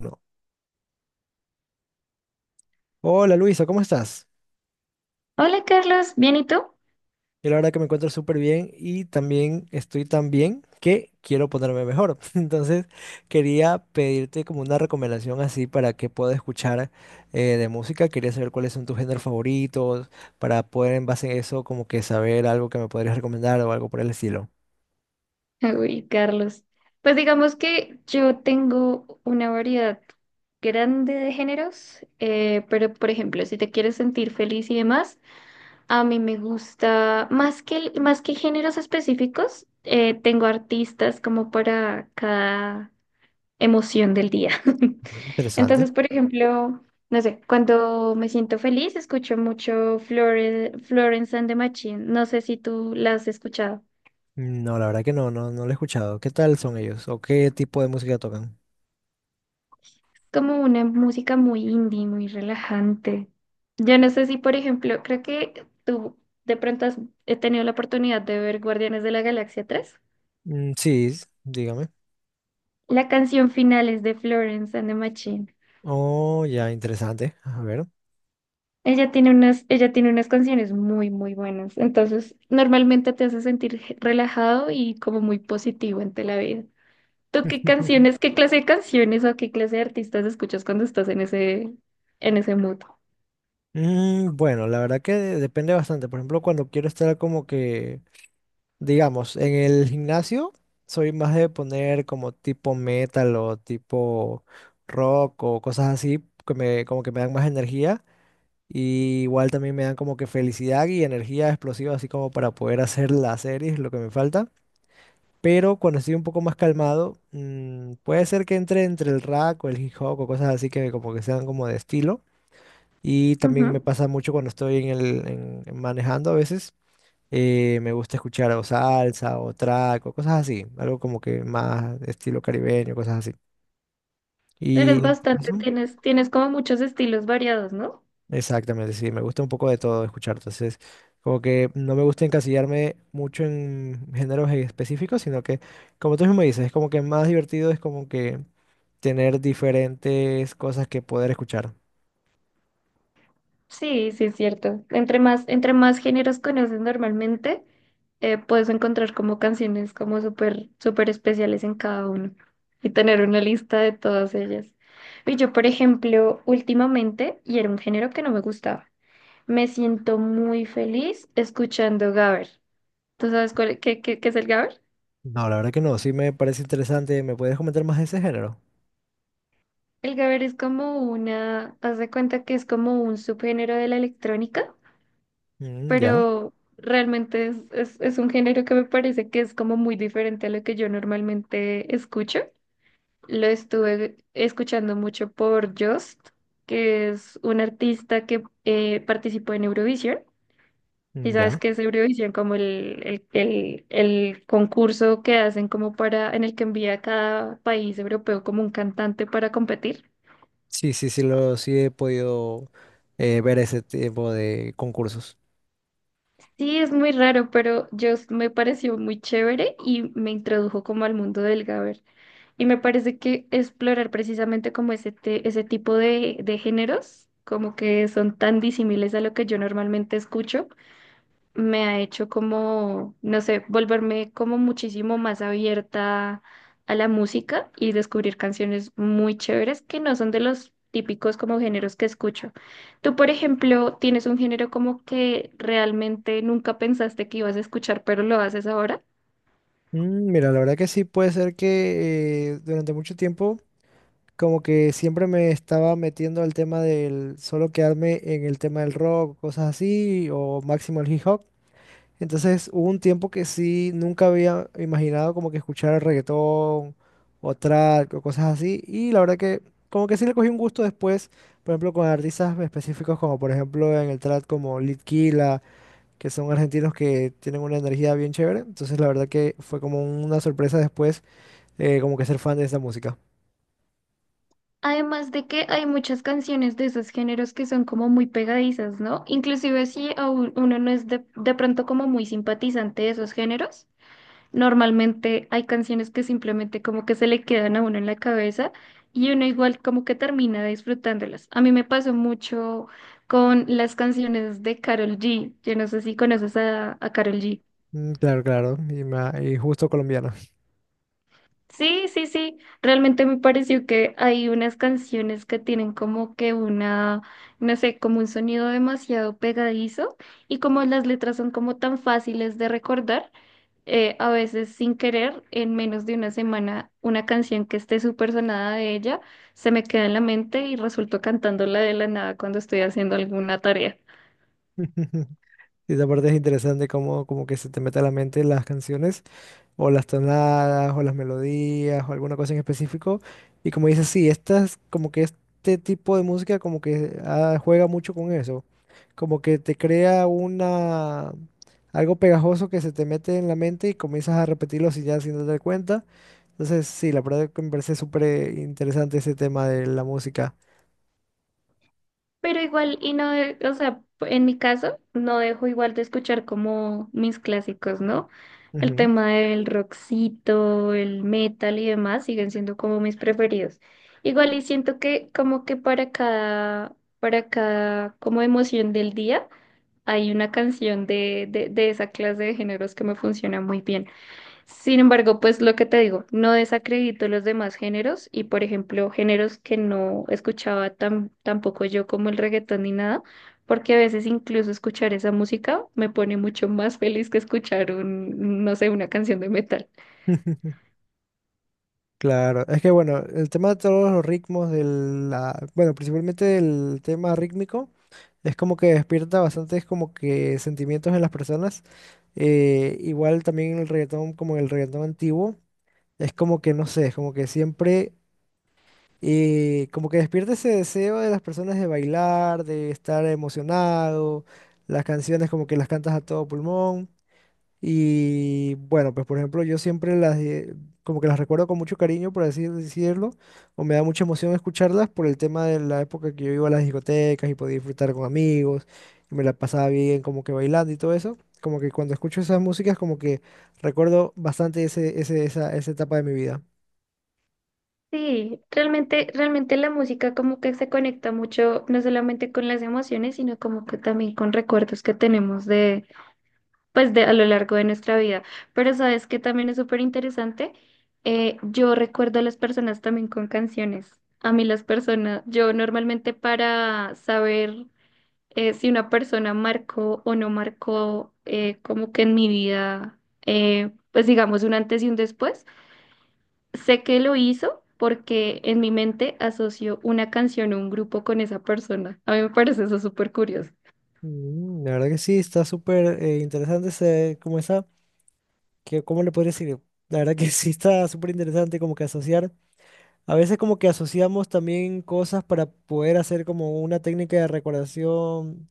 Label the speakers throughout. Speaker 1: No. Hola Luisa, ¿cómo estás?
Speaker 2: Hola Carlos, ¿bien y tú?
Speaker 1: Yo la verdad que me encuentro súper bien y también estoy tan bien que quiero ponerme mejor. Entonces quería pedirte como una recomendación así para que pueda escuchar de música. Quería saber cuáles son tus géneros favoritos para poder en base a eso como que saber algo que me podrías recomendar o algo por el estilo.
Speaker 2: Uy, Carlos. Pues digamos que yo tengo una variedad grande de géneros, pero por ejemplo, si te quieres sentir feliz y demás, a mí me gusta más que, más que géneros específicos, tengo artistas como para cada emoción del día.
Speaker 1: Ujú. Interesante.
Speaker 2: Entonces, por ejemplo, no sé, cuando me siento feliz, escucho mucho Florence and the Machine. No sé si tú la has escuchado.
Speaker 1: No, la verdad que no, no, no lo he escuchado. ¿Qué tal son ellos o qué tipo de música tocan?
Speaker 2: Como una música muy indie, muy relajante. Yo no sé si, por ejemplo, creo que tú de pronto has he tenido la oportunidad de ver Guardianes de la Galaxia 3.
Speaker 1: Mm, sí, dígame.
Speaker 2: La canción final es de Florence and the Machine.
Speaker 1: Oh, ya, interesante. A ver.
Speaker 2: Ella tiene unas canciones muy buenas. Entonces, normalmente te hace sentir relajado y como muy positivo ante la vida. ¿Tú qué canciones, qué clase de canciones o qué clase de artistas escuchas cuando estás en en ese mood?
Speaker 1: Mm, bueno, la verdad que depende bastante. Por ejemplo, cuando quiero estar como que, digamos, en el gimnasio, soy más de poner como tipo metal o tipo rock o cosas así que me, como que me dan más energía. Y igual también me dan como que felicidad y energía explosiva, así como para poder hacer las series, lo que me falta. Pero cuando estoy un poco más calmado, puede ser que entre el rap o el hip hop o cosas así que como que sean como de estilo. Y también me pasa mucho cuando estoy en manejando a veces. Me gusta escuchar o salsa o track o cosas así. Algo como que más estilo caribeño, cosas así.
Speaker 2: Eres
Speaker 1: Y en tu
Speaker 2: bastante,
Speaker 1: caso,
Speaker 2: tienes como muchos estilos variados, ¿no?
Speaker 1: exactamente, sí, me gusta un poco de todo escuchar. Entonces, como que no me gusta encasillarme mucho en géneros específicos, sino que, como tú mismo dices, es como que más divertido es como que tener diferentes cosas que poder escuchar.
Speaker 2: Sí, sí, es cierto. Entre más géneros conoces normalmente, puedes encontrar como canciones como súper especiales en cada uno y tener una lista de todas ellas. Y yo, por ejemplo, últimamente, y era un género que no me gustaba, me siento muy feliz escuchando gabber. ¿Tú sabes qué es el gabber?
Speaker 1: No, la verdad que no, sí me parece interesante. ¿Me puedes comentar más de ese género?
Speaker 2: El gabber es como una, haz de cuenta que es como un subgénero de la electrónica,
Speaker 1: Mm, ya.
Speaker 2: pero realmente es un género que me parece que es como muy diferente a lo que yo normalmente escucho. Lo estuve escuchando mucho por Just, que es un artista que participó en Eurovisión. Y
Speaker 1: Mm,
Speaker 2: sabes
Speaker 1: ya.
Speaker 2: que es Eurovisión como el concurso que hacen como para, en el que envía a cada país europeo como un cantante para competir.
Speaker 1: Sí, sí, sí, sí he podido ver ese tipo de concursos.
Speaker 2: Sí, es muy raro, pero Just me pareció muy chévere y me introdujo como al mundo del Gaber. Y me parece que explorar precisamente como ese tipo de géneros, como que son tan disímiles a lo que yo normalmente escucho, me ha hecho como, no sé, volverme como muchísimo más abierta a la música y descubrir canciones muy chéveres que no son de los típicos como géneros que escucho. Tú, por ejemplo, tienes un género como que realmente nunca pensaste que ibas a escuchar, pero lo haces ahora.
Speaker 1: Mm, mira, la verdad que sí puede ser que durante mucho tiempo como que siempre me estaba metiendo al tema del solo quedarme en el tema del rock, cosas así, o máximo el hip hop. Entonces hubo un tiempo que sí, nunca había imaginado como que escuchar reggaetón o trap o cosas así. Y la verdad que como que sí le cogí un gusto después, por ejemplo, con artistas específicos como por ejemplo en el trap como Litquila, que son argentinos que tienen una energía bien chévere. Entonces la verdad que fue como una sorpresa después como que ser fan de esa música.
Speaker 2: Además de que hay muchas canciones de esos géneros que son como muy pegadizas, ¿no? Inclusive si a uno no es de pronto como muy simpatizante de esos géneros, normalmente hay canciones que simplemente como que se le quedan a uno en la cabeza y uno igual como que termina disfrutándolas. A mí me pasó mucho con las canciones de Karol G. Yo no sé si conoces a Karol G.
Speaker 1: Mm, claro, claro. Y, y justo colombiano.
Speaker 2: Sí, sí, sí. Realmente me pareció que hay unas canciones que tienen como que una, no sé, como un sonido demasiado pegadizo y como las letras son como tan fáciles de recordar, a veces sin querer, en menos de una semana, una canción que esté súper sonada de ella se me queda en la mente y resulto cantándola de la nada cuando estoy haciendo alguna tarea.
Speaker 1: Y esa parte es interesante como que se te mete a la mente las canciones, o las tonadas, o las melodías, o alguna cosa en específico. Y como dices, sí, como que este tipo de música como que juega mucho con eso, como que te crea algo pegajoso que se te mete en la mente y comienzas a repetirlo sin darte cuenta. Entonces, sí, la verdad que me parece súper interesante ese tema de la música.
Speaker 2: Pero igual, y no, o sea, en mi caso, no dejo igual de escuchar como mis clásicos, ¿no? El
Speaker 1: Ujú.
Speaker 2: tema del rockcito, el metal y demás siguen siendo como mis preferidos. Igual y siento que como que para cada como emoción del día hay una canción de esa clase de géneros que me funciona muy bien. Sin embargo, pues lo que te digo, no desacredito los demás géneros y, por ejemplo, géneros que no escuchaba tampoco yo como el reggaetón ni nada, porque a veces incluso escuchar esa música me pone mucho más feliz que escuchar un, no sé, una canción de metal.
Speaker 1: Claro, es que bueno, el tema de todos los ritmos, bueno, principalmente el tema rítmico es como que despierta bastantes como que sentimientos en las personas. Igual también el reggaetón, como el reggaetón antiguo, es como que no sé, es como que siempre, como que despierta ese deseo de las personas de bailar, de estar emocionado. Las canciones como que las cantas a todo pulmón. Y bueno, pues por ejemplo, yo siempre como que las recuerdo con mucho cariño, por así decirlo, o me da mucha emoción escucharlas por el tema de la época que yo iba a las discotecas y podía disfrutar con amigos, y me la pasaba bien como que bailando y todo eso. Como que cuando escucho esas músicas, como que recuerdo bastante esa etapa de mi vida.
Speaker 2: Sí, realmente la música como que se conecta mucho, no solamente con las emociones, sino como que también con recuerdos que tenemos de a lo largo de nuestra vida. Pero sabes que también es súper interesante. Yo recuerdo a las personas también con canciones. A mí las personas, yo normalmente para saber si una persona marcó o no marcó como que en mi vida, pues digamos un antes y un después, sé que lo hizo, porque en mi mente asocio una canción o un grupo con esa persona. A mí me parece eso súper curioso.
Speaker 1: Mm, la verdad que sí, está súper interesante ese, como esa, que, ¿cómo le podría decir? La verdad que sí está súper interesante como que asociar. A veces como que asociamos también cosas para poder hacer como una técnica de recordación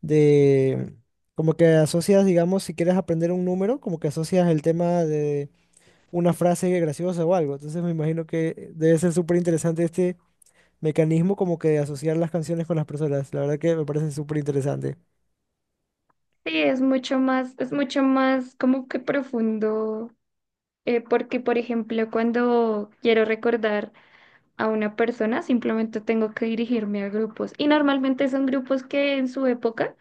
Speaker 1: de como que asocias, digamos, si quieres aprender un número, como que asocias el tema de una frase graciosa o algo. Entonces me imagino que debe ser súper interesante este mecanismo como que de asociar las canciones con las personas. La verdad que me parece súper interesante.
Speaker 2: Sí, es mucho más como que profundo, porque, por ejemplo, cuando quiero recordar a una persona, simplemente tengo que dirigirme a grupos. Y normalmente son grupos que en su época,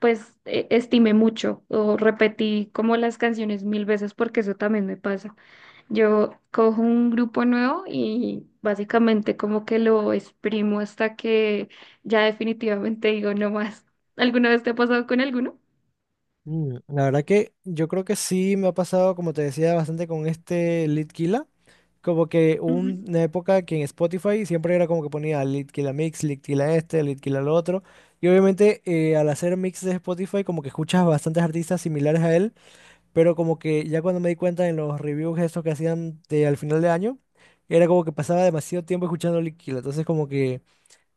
Speaker 2: estimé mucho o repetí como las canciones 1.000 veces, porque eso también me pasa. Yo cojo un grupo nuevo y básicamente como que lo exprimo hasta que ya definitivamente digo no más. ¿Alguna vez te ha pasado con alguno?
Speaker 1: Mm, la verdad que yo creo que sí me ha pasado, como te decía, bastante con este Litkila. Como que una época que en Spotify siempre era como que ponía Litkila Mix, Litkila este, Litkila lo otro. Y obviamente al hacer mix de Spotify como que escuchas bastantes artistas similares a él, pero como que ya cuando me di cuenta en los reviews estos que hacían al final de año, era como que pasaba demasiado tiempo escuchando Litkila. Entonces como que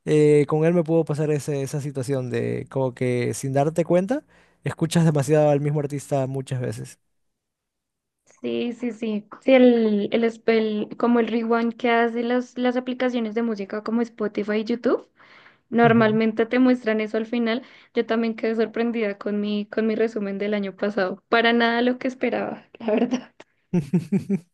Speaker 1: con él me pudo pasar esa situación de como que sin darte cuenta, escuchas demasiado al mismo artista muchas veces.
Speaker 2: Sí, sí, sí. Sí, como el rewind que hace las aplicaciones de música como Spotify y YouTube,
Speaker 1: Ujú.
Speaker 2: normalmente te muestran eso al final. Yo también quedé sorprendida con con mi resumen del año pasado. Para nada lo que esperaba, la verdad.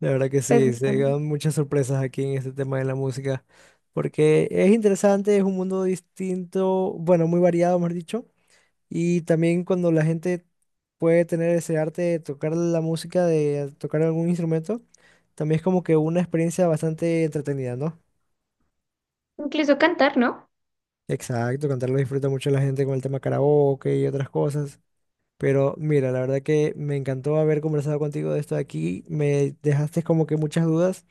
Speaker 1: De verdad que
Speaker 2: Pues
Speaker 1: sí, se
Speaker 2: nada.
Speaker 1: llegan muchas sorpresas aquí en este tema de la música, porque es interesante, es un mundo distinto, bueno, muy variado, mejor dicho, y también cuando la gente puede tener ese arte de tocar la música, de tocar algún instrumento, también es como que una experiencia bastante entretenida, ¿no?
Speaker 2: Incluso cantar, ¿no?
Speaker 1: Exacto, cantarlo disfruta mucho la gente con el tema karaoke y otras cosas, pero mira, la verdad que me encantó haber conversado contigo de esto de aquí, me dejaste como que muchas dudas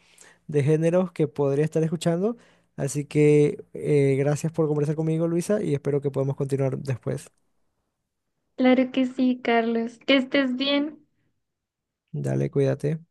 Speaker 1: de géneros que podría estar escuchando. Así que gracias por conversar conmigo, Luisa, y espero que podamos continuar después.
Speaker 2: Claro que sí, Carlos. Que estés bien.
Speaker 1: Dale, cuídate.